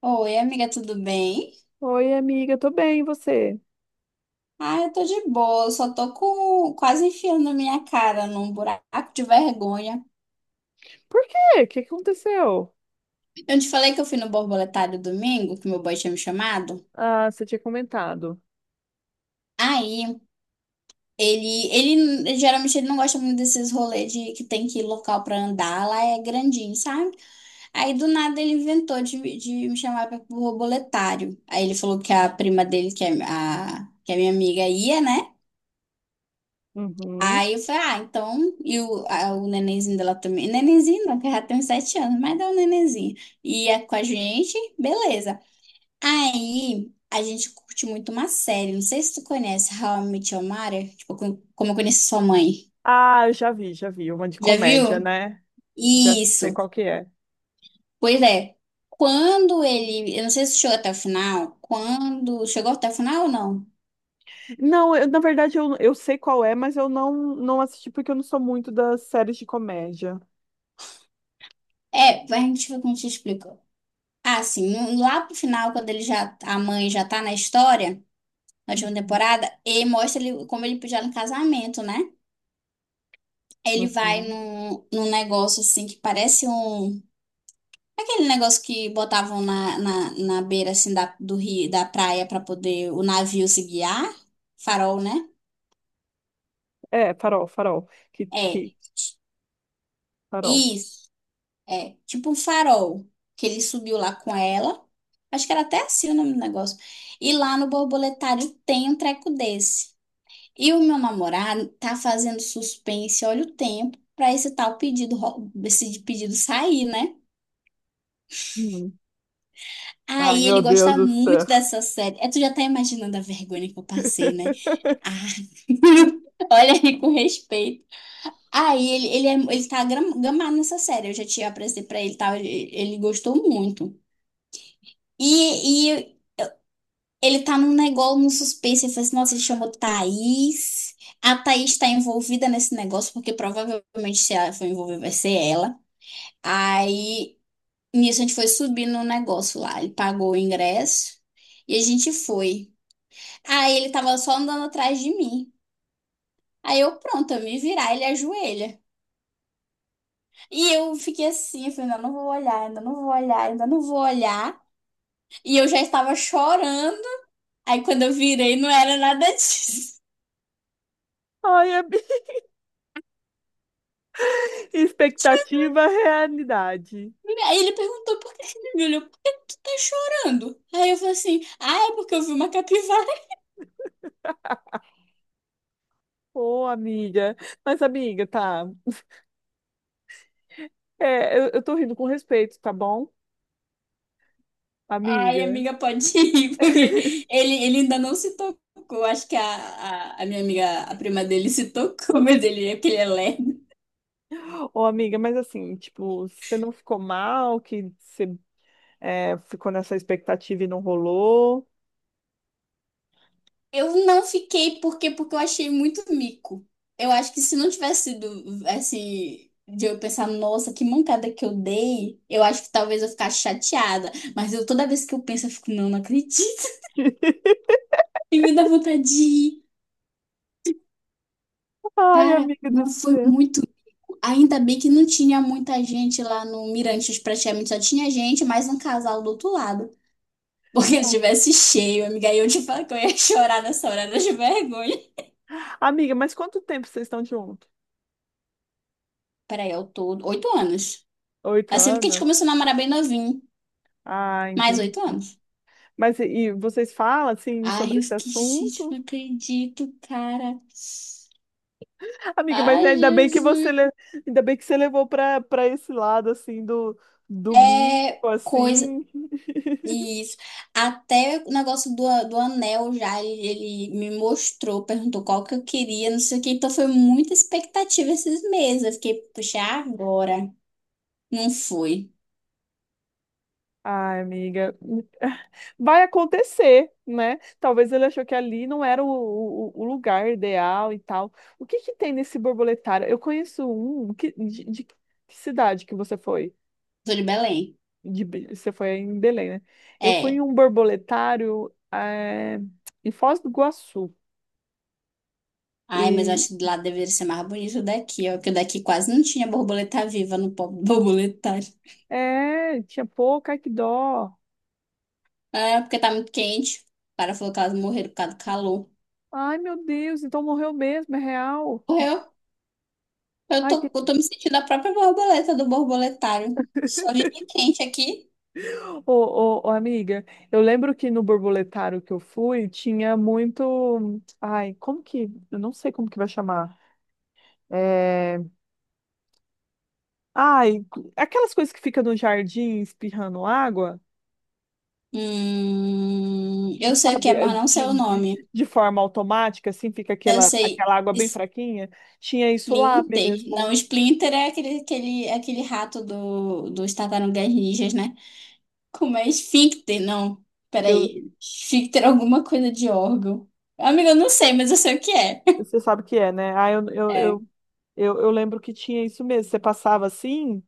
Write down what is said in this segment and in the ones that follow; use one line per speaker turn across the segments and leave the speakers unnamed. Oi, amiga, tudo bem?
Oi, amiga, tô bem, e você?
Ah, eu tô de boa, eu só tô com quase enfiando a minha cara num buraco de vergonha.
Por quê? O que que aconteceu?
Eu te falei que eu fui no borboletário domingo, que meu boy tinha me chamado.
Ah, você tinha comentado.
Aí, ele geralmente ele não gosta muito desses rolês de que tem que ir local pra andar, lá é grandinho, sabe? Aí do nada ele inventou de me chamar para o borboletário. Aí ele falou que a prima dele, que é que é minha amiga, ia, né?
Uhum.
Aí eu falei, ah, então, e o, o nenenzinho dela também, nenenzinho não, que ela tem uns 7 anos, mas dá um nenenzinho, ia com a gente, beleza. Aí, a gente curte muito uma série, não sei se tu conhece, How I Met Your Mother, tipo, como eu conheci sua mãe,
Ah, eu já vi, já vi. Uma de
já
comédia,
viu?
né? Já sei
Isso,
qual que é.
pois é, quando ele, eu não sei se chegou até o final, quando, chegou até o final ou não?
Não, na verdade eu sei qual é, mas eu não assisti porque eu não sou muito das séries de comédia.
É, a gente, como te explica. Ah, sim, lá pro final, quando ele já, a mãe já tá na história, na última
Uhum.
temporada, e mostra ele como ele pediu no casamento, né? Ele vai
Uhum.
num negócio assim que parece um. Aquele negócio que botavam na beira assim da, do rio, da praia para poder o navio se guiar. Farol, né?
É, Farol, Farol. Que,
É,
que, Farol.
isso. É, tipo um farol que ele subiu lá com ela. Acho que era até assim o nome do negócio. E lá no borboletário tem um treco desse. E o meu namorado tá fazendo suspense, olha o tempo, pra esse tal pedido, esse pedido sair, né?
Uhum. Ai,
Aí ele
meu Deus
gosta
do céu.
muito dessa série. É, tu já tá imaginando a vergonha que eu passei, né? Ah, olha aí com respeito. Aí ele tá gamado nessa série. Eu já tinha apresentei pra ele e tal. Ele gostou muito. E ele tá num negócio, num suspense. Ele falou assim: nossa, ele chamou Thaís. A Thaís tá envolvida nesse negócio, porque provavelmente se ela for envolvida, vai ser ela. Aí, nisso, a gente foi subindo no negócio lá. Ele pagou o ingresso e a gente foi. Aí ele tava só andando atrás de mim. Aí eu, pronto, eu me virar, ele ajoelha. E eu fiquei assim, eu falei, ainda não vou olhar, ainda não vou olhar, ainda não vou olhar. E eu já estava chorando. Aí quando eu virei, não era nada disso.
Ai, é... expectativa, realidade.
Aí ele perguntou por que que ele me olhou, por que que tu tá chorando? Aí eu falei assim, ah, é porque eu vi uma capivara.
Ô, amiga. Mas, amiga, tá. É, eu tô rindo com respeito, tá bom,
Ai,
amiga?
amiga, pode ir, porque ele ainda não se tocou. Acho que a minha amiga, a prima dele, se tocou, mas ele é lerdo.
Ô, amiga, mas assim, tipo, você não ficou mal que você ficou nessa expectativa e não rolou?
Eu não fiquei, por quê? Porque eu achei muito mico. Eu acho que se não tivesse sido, assim, de eu pensar, nossa, que mancada que eu dei, eu acho que talvez eu ficasse chateada. Mas eu, toda vez que eu penso, eu fico, não, não acredito. E me dá vontade de rir.
Ai,
Cara,
amiga do
mas foi
céu.
muito ainda bem que não tinha muita gente lá no Mirantes, praticamente só tinha gente, mais um casal do outro lado. Porque se tivesse cheio, amiga, aí eu te falo que eu ia chorar nessa hora de vergonha.
Amiga, mas quanto tempo vocês estão juntos?
Peraí, eu tô 8 anos.
Oito
Assim, porque a gente
anos?
começou a namorar bem novinho.
Ah,
Mais oito
entendi.
anos.
Mas e vocês falam assim
Ai,
sobre
eu
esse
fiquei, gente,
assunto?
não acredito, cara.
Amiga, mas
Ai, Jesus.
ainda bem que você levou para esse lado assim do
É
mico
coisa.
assim.
Isso. Até o negócio do anel já, ele me mostrou, perguntou qual que eu queria, não sei o que. Então foi muita expectativa esses meses. Eu fiquei, puxa, agora. Não fui.
Ai, amiga, vai acontecer, né? Talvez ele achou que ali não era o lugar ideal e tal. O que que tem nesse borboletário? Eu conheço um, que, de que cidade que você foi?
Sou de Belém.
Você foi em Belém, né? Eu fui em
É.
um borboletário em Foz do Iguaçu.
Ai, mas eu
E,
acho que lá deveria ser mais bonito daqui, ó. Porque daqui quase não tinha borboleta viva no pobre borboletário.
é, tinha pouco, ai que dó.
É, porque tá muito quente. O cara falou que elas morreram por causa do calor.
Ai, meu Deus, então morreu mesmo, é real.
Morreu. Eu
Ai, que
tô, eu tô me sentindo a própria borboleta do borboletário. Só vive quente aqui.
Ô, ô, ô, amiga, eu lembro que no borboletário que eu fui tinha muito. Ai, como que. Eu não sei como que vai chamar. É... Ai, aquelas coisas que ficam no jardim espirrando água,
Eu sei o que
sabe?
é,
É,
mas não sei o
De, de,
nome.
de forma automática, assim, fica
Eu
aquela,
sei
aquela água bem fraquinha. Tinha isso lá
Splinter.
mesmo.
Não, Splinter é aquele rato dos Tartarugas Ninjas, né? Como é Esfíncter? Não,
Eu,
peraí. Esfíncter é alguma coisa de órgão. Amiga, eu não sei, mas eu sei o que é.
Você sabe o que é, né? Ah, eu, eu,
É,
eu, eu, eu lembro que tinha isso mesmo. Você passava assim,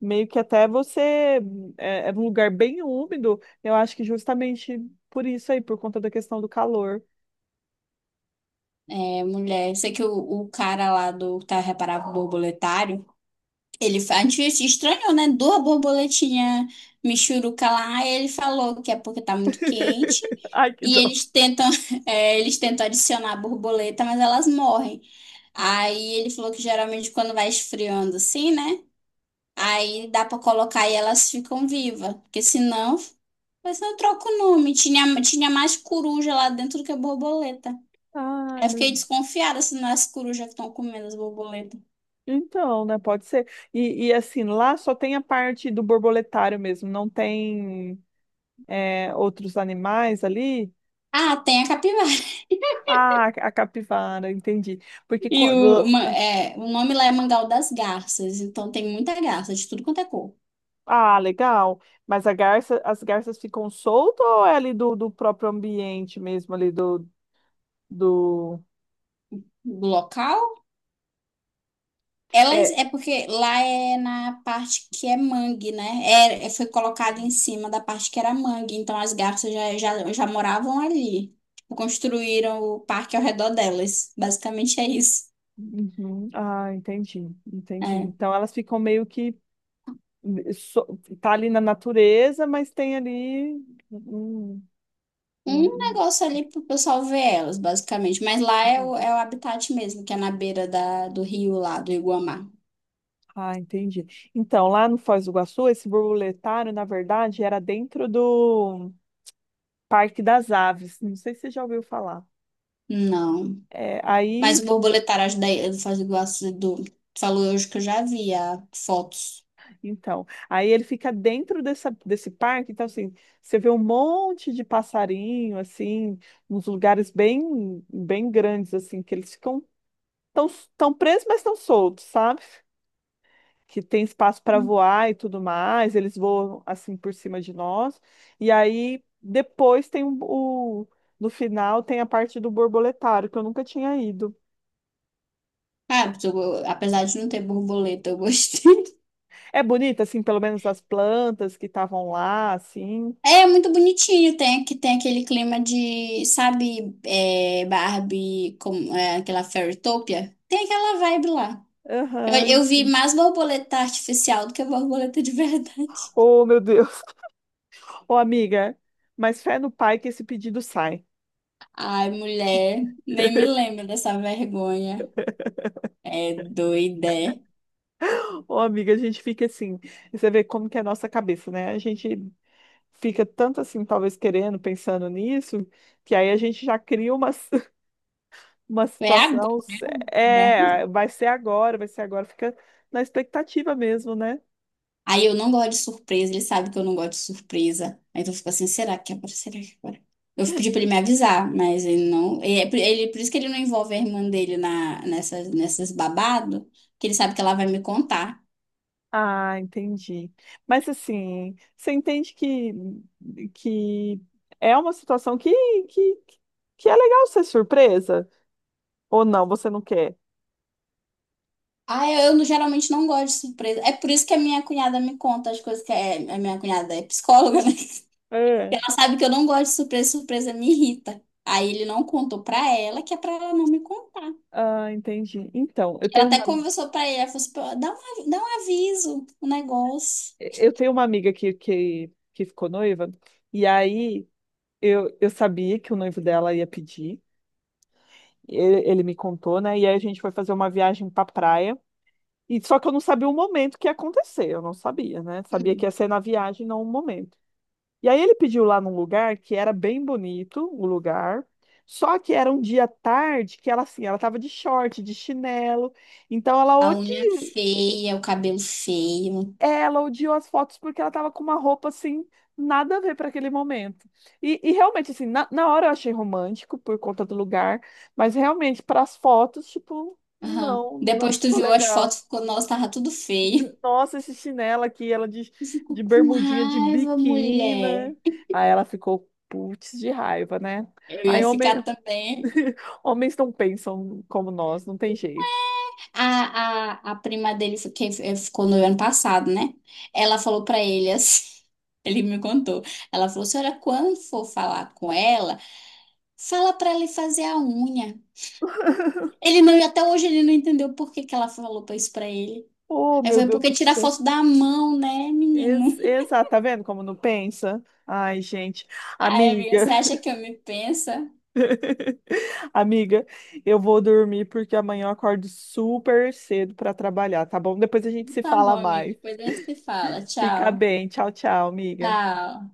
meio que até você é um lugar bem úmido, eu acho que justamente por isso aí, por conta da questão do calor.
mulher. Sei que o cara lá do Tá Reparável Borboletário. A gente se estranhou, né? Duas borboletinhas michuruca lá, e ele falou que é porque tá muito quente.
Ai, que
E
dó.
eles tentam, eles tentam adicionar a borboleta, mas elas morrem. Aí ele falou que geralmente quando vai esfriando assim, né? Aí dá pra colocar e elas ficam vivas. Porque senão, mas não troca o nome. Tinha mais coruja lá dentro do que borboleta.
Ah,
Aí eu fiquei
meu.
desconfiada se não é as corujas que estão comendo as borboletas.
Então, né? Pode ser. E, assim, lá só tem a parte do borboletário mesmo, não tem outros animais ali.
Ah, tem a capivara.
Ah, a capivara, entendi. Porque
E o,
quando.
o nome lá é Mangal das Garças, então tem muita garça de tudo quanto é cor.
Ah, legal. Mas a garça, as garças ficam soltas ou é ali do próprio ambiente mesmo, ali do, do...
Do local, elas é
é,
porque lá é na parte que é mangue, né? Foi colocado em cima da parte que era mangue, então as garças já moravam ali. Tipo, construíram o parque ao redor delas. Basicamente é isso.
Uhum. Ah, entendi, entendi.
É.
Então elas ficam meio que tá ali na natureza, mas tem ali. Hum, hum,
Um
hum.
negócio ali pro pessoal ver elas, basicamente. Mas lá é
Entendi.
é o habitat mesmo, que é na beira da, do rio lá, do Iguamá.
Ah, entendi. Então, lá no Foz do Iguaçu, esse borboletário, na verdade, era dentro do Parque das Aves. Não sei se você já ouviu falar.
Não.
É,
Mas
aí,
o borboletário da Ilha do Fazendo do Tu falou hoje que eu já vi ah, fotos.
então, aí ele fica dentro dessa, desse parque, então assim, você vê um monte de passarinho, assim, nos lugares bem, bem grandes, assim, que eles ficam estão estão presos, mas estão soltos, sabe? Que tem espaço para voar e tudo mais, eles voam assim por cima de nós. E aí depois no final tem a parte do borboletário que eu nunca tinha ido.
Ah, porque apesar de não ter borboleta, eu gostei.
É bonita assim, pelo menos as plantas que estavam lá, assim.
É muito bonitinho, tem, tem aquele clima de, sabe, Barbie, com, aquela Fairytopia? Tem aquela vibe lá. Eu,
Aham.
eu vi mais borboleta artificial do que borboleta de verdade.
Oh, meu Deus. Ô, amiga, mas fé no pai que esse pedido sai.
Ai, mulher, nem me lembro dessa vergonha. É doida.
Ô, amiga, a gente fica assim, você vê como que é a nossa cabeça, né? A gente fica tanto assim, talvez querendo, pensando nisso, que aí a gente já cria uma, uma
É agora.
situação,
Né?
é, vai ser agora, fica na expectativa mesmo, né?
Aí eu não gosto de surpresa, ele sabe que eu não gosto de surpresa. Aí eu fico assim, será que é agora? Será que é agora? Eu pedi pra ele me avisar, mas ele não. Ele, por isso que ele não envolve a irmã dele na, nessas babado, que ele sabe que ela vai me contar.
Ah, entendi. Mas assim, você entende que é uma situação que, que é legal ser surpresa? Ou não, você não quer?
Ah, eu não- geralmente não gosto de surpresa. É por isso que a minha cunhada me conta as coisas a minha cunhada é psicóloga, né?
É.
Ela sabe que eu não gosto de surpresa, surpresa me irrita. Aí ele não contou pra ela, que é pra ela não me contar.
Ah, entendi. Então,
Ela até conversou pra ele, ela falou assim, "Pô, dá um, dá um aviso, o negócio.
eu tenho uma amiga que ficou noiva, e aí. Eu sabia que o noivo dela ia pedir. Ele me contou, né? E aí a gente foi fazer uma viagem pra praia. E só que eu não sabia o momento que ia acontecer. Eu não sabia, né? Sabia que
Hum.
ia ser na viagem, não o momento. E aí ele pediu lá num lugar que era bem bonito, o lugar. Só que era um dia tarde que ela assim, ela tava de short, de chinelo. Então ela
A unha feia, o cabelo feio.
Ela odiou as fotos porque ela tava com uma roupa assim, nada a ver para aquele momento. E realmente, assim, na hora eu achei romântico por conta do lugar, mas realmente, para as fotos, tipo,
Aham.
não
Depois tu
ficou
viu as
legal.
fotos, ficou, nossa, tava tudo feio.
Nossa, esse chinelo aqui, ela de,
Ficou
de
com
bermudinha, de
raiva,
biquíni.
mulher.
Aí ela ficou putz de raiva, né?
Eu
Aí
ia
homem,
ficar também.
homens não pensam como nós, não tem jeito.
A prima dele, ficou no ano passado, né? Ela falou pra ele assim. Ele me contou. Ela falou: senhora, quando for falar com ela, fala pra ele fazer a unha. Ele não, e até hoje ele não entendeu por que que ela falou pra isso pra ele.
Oh,
Aí
meu
foi
Deus
porque
do
tira
céu!
foto da mão, né, menino?
Exato, tá vendo como não pensa? Ai, gente,
Ai,
amiga,
amigo, você acha que eu me pensa?
amiga, eu vou dormir porque amanhã eu acordo super cedo para trabalhar, tá bom? Depois a gente se
Tá bom,
fala
amigo.
mais.
Depois a gente se fala.
Fica
Tchau.
bem, tchau, tchau, amiga.
Tchau.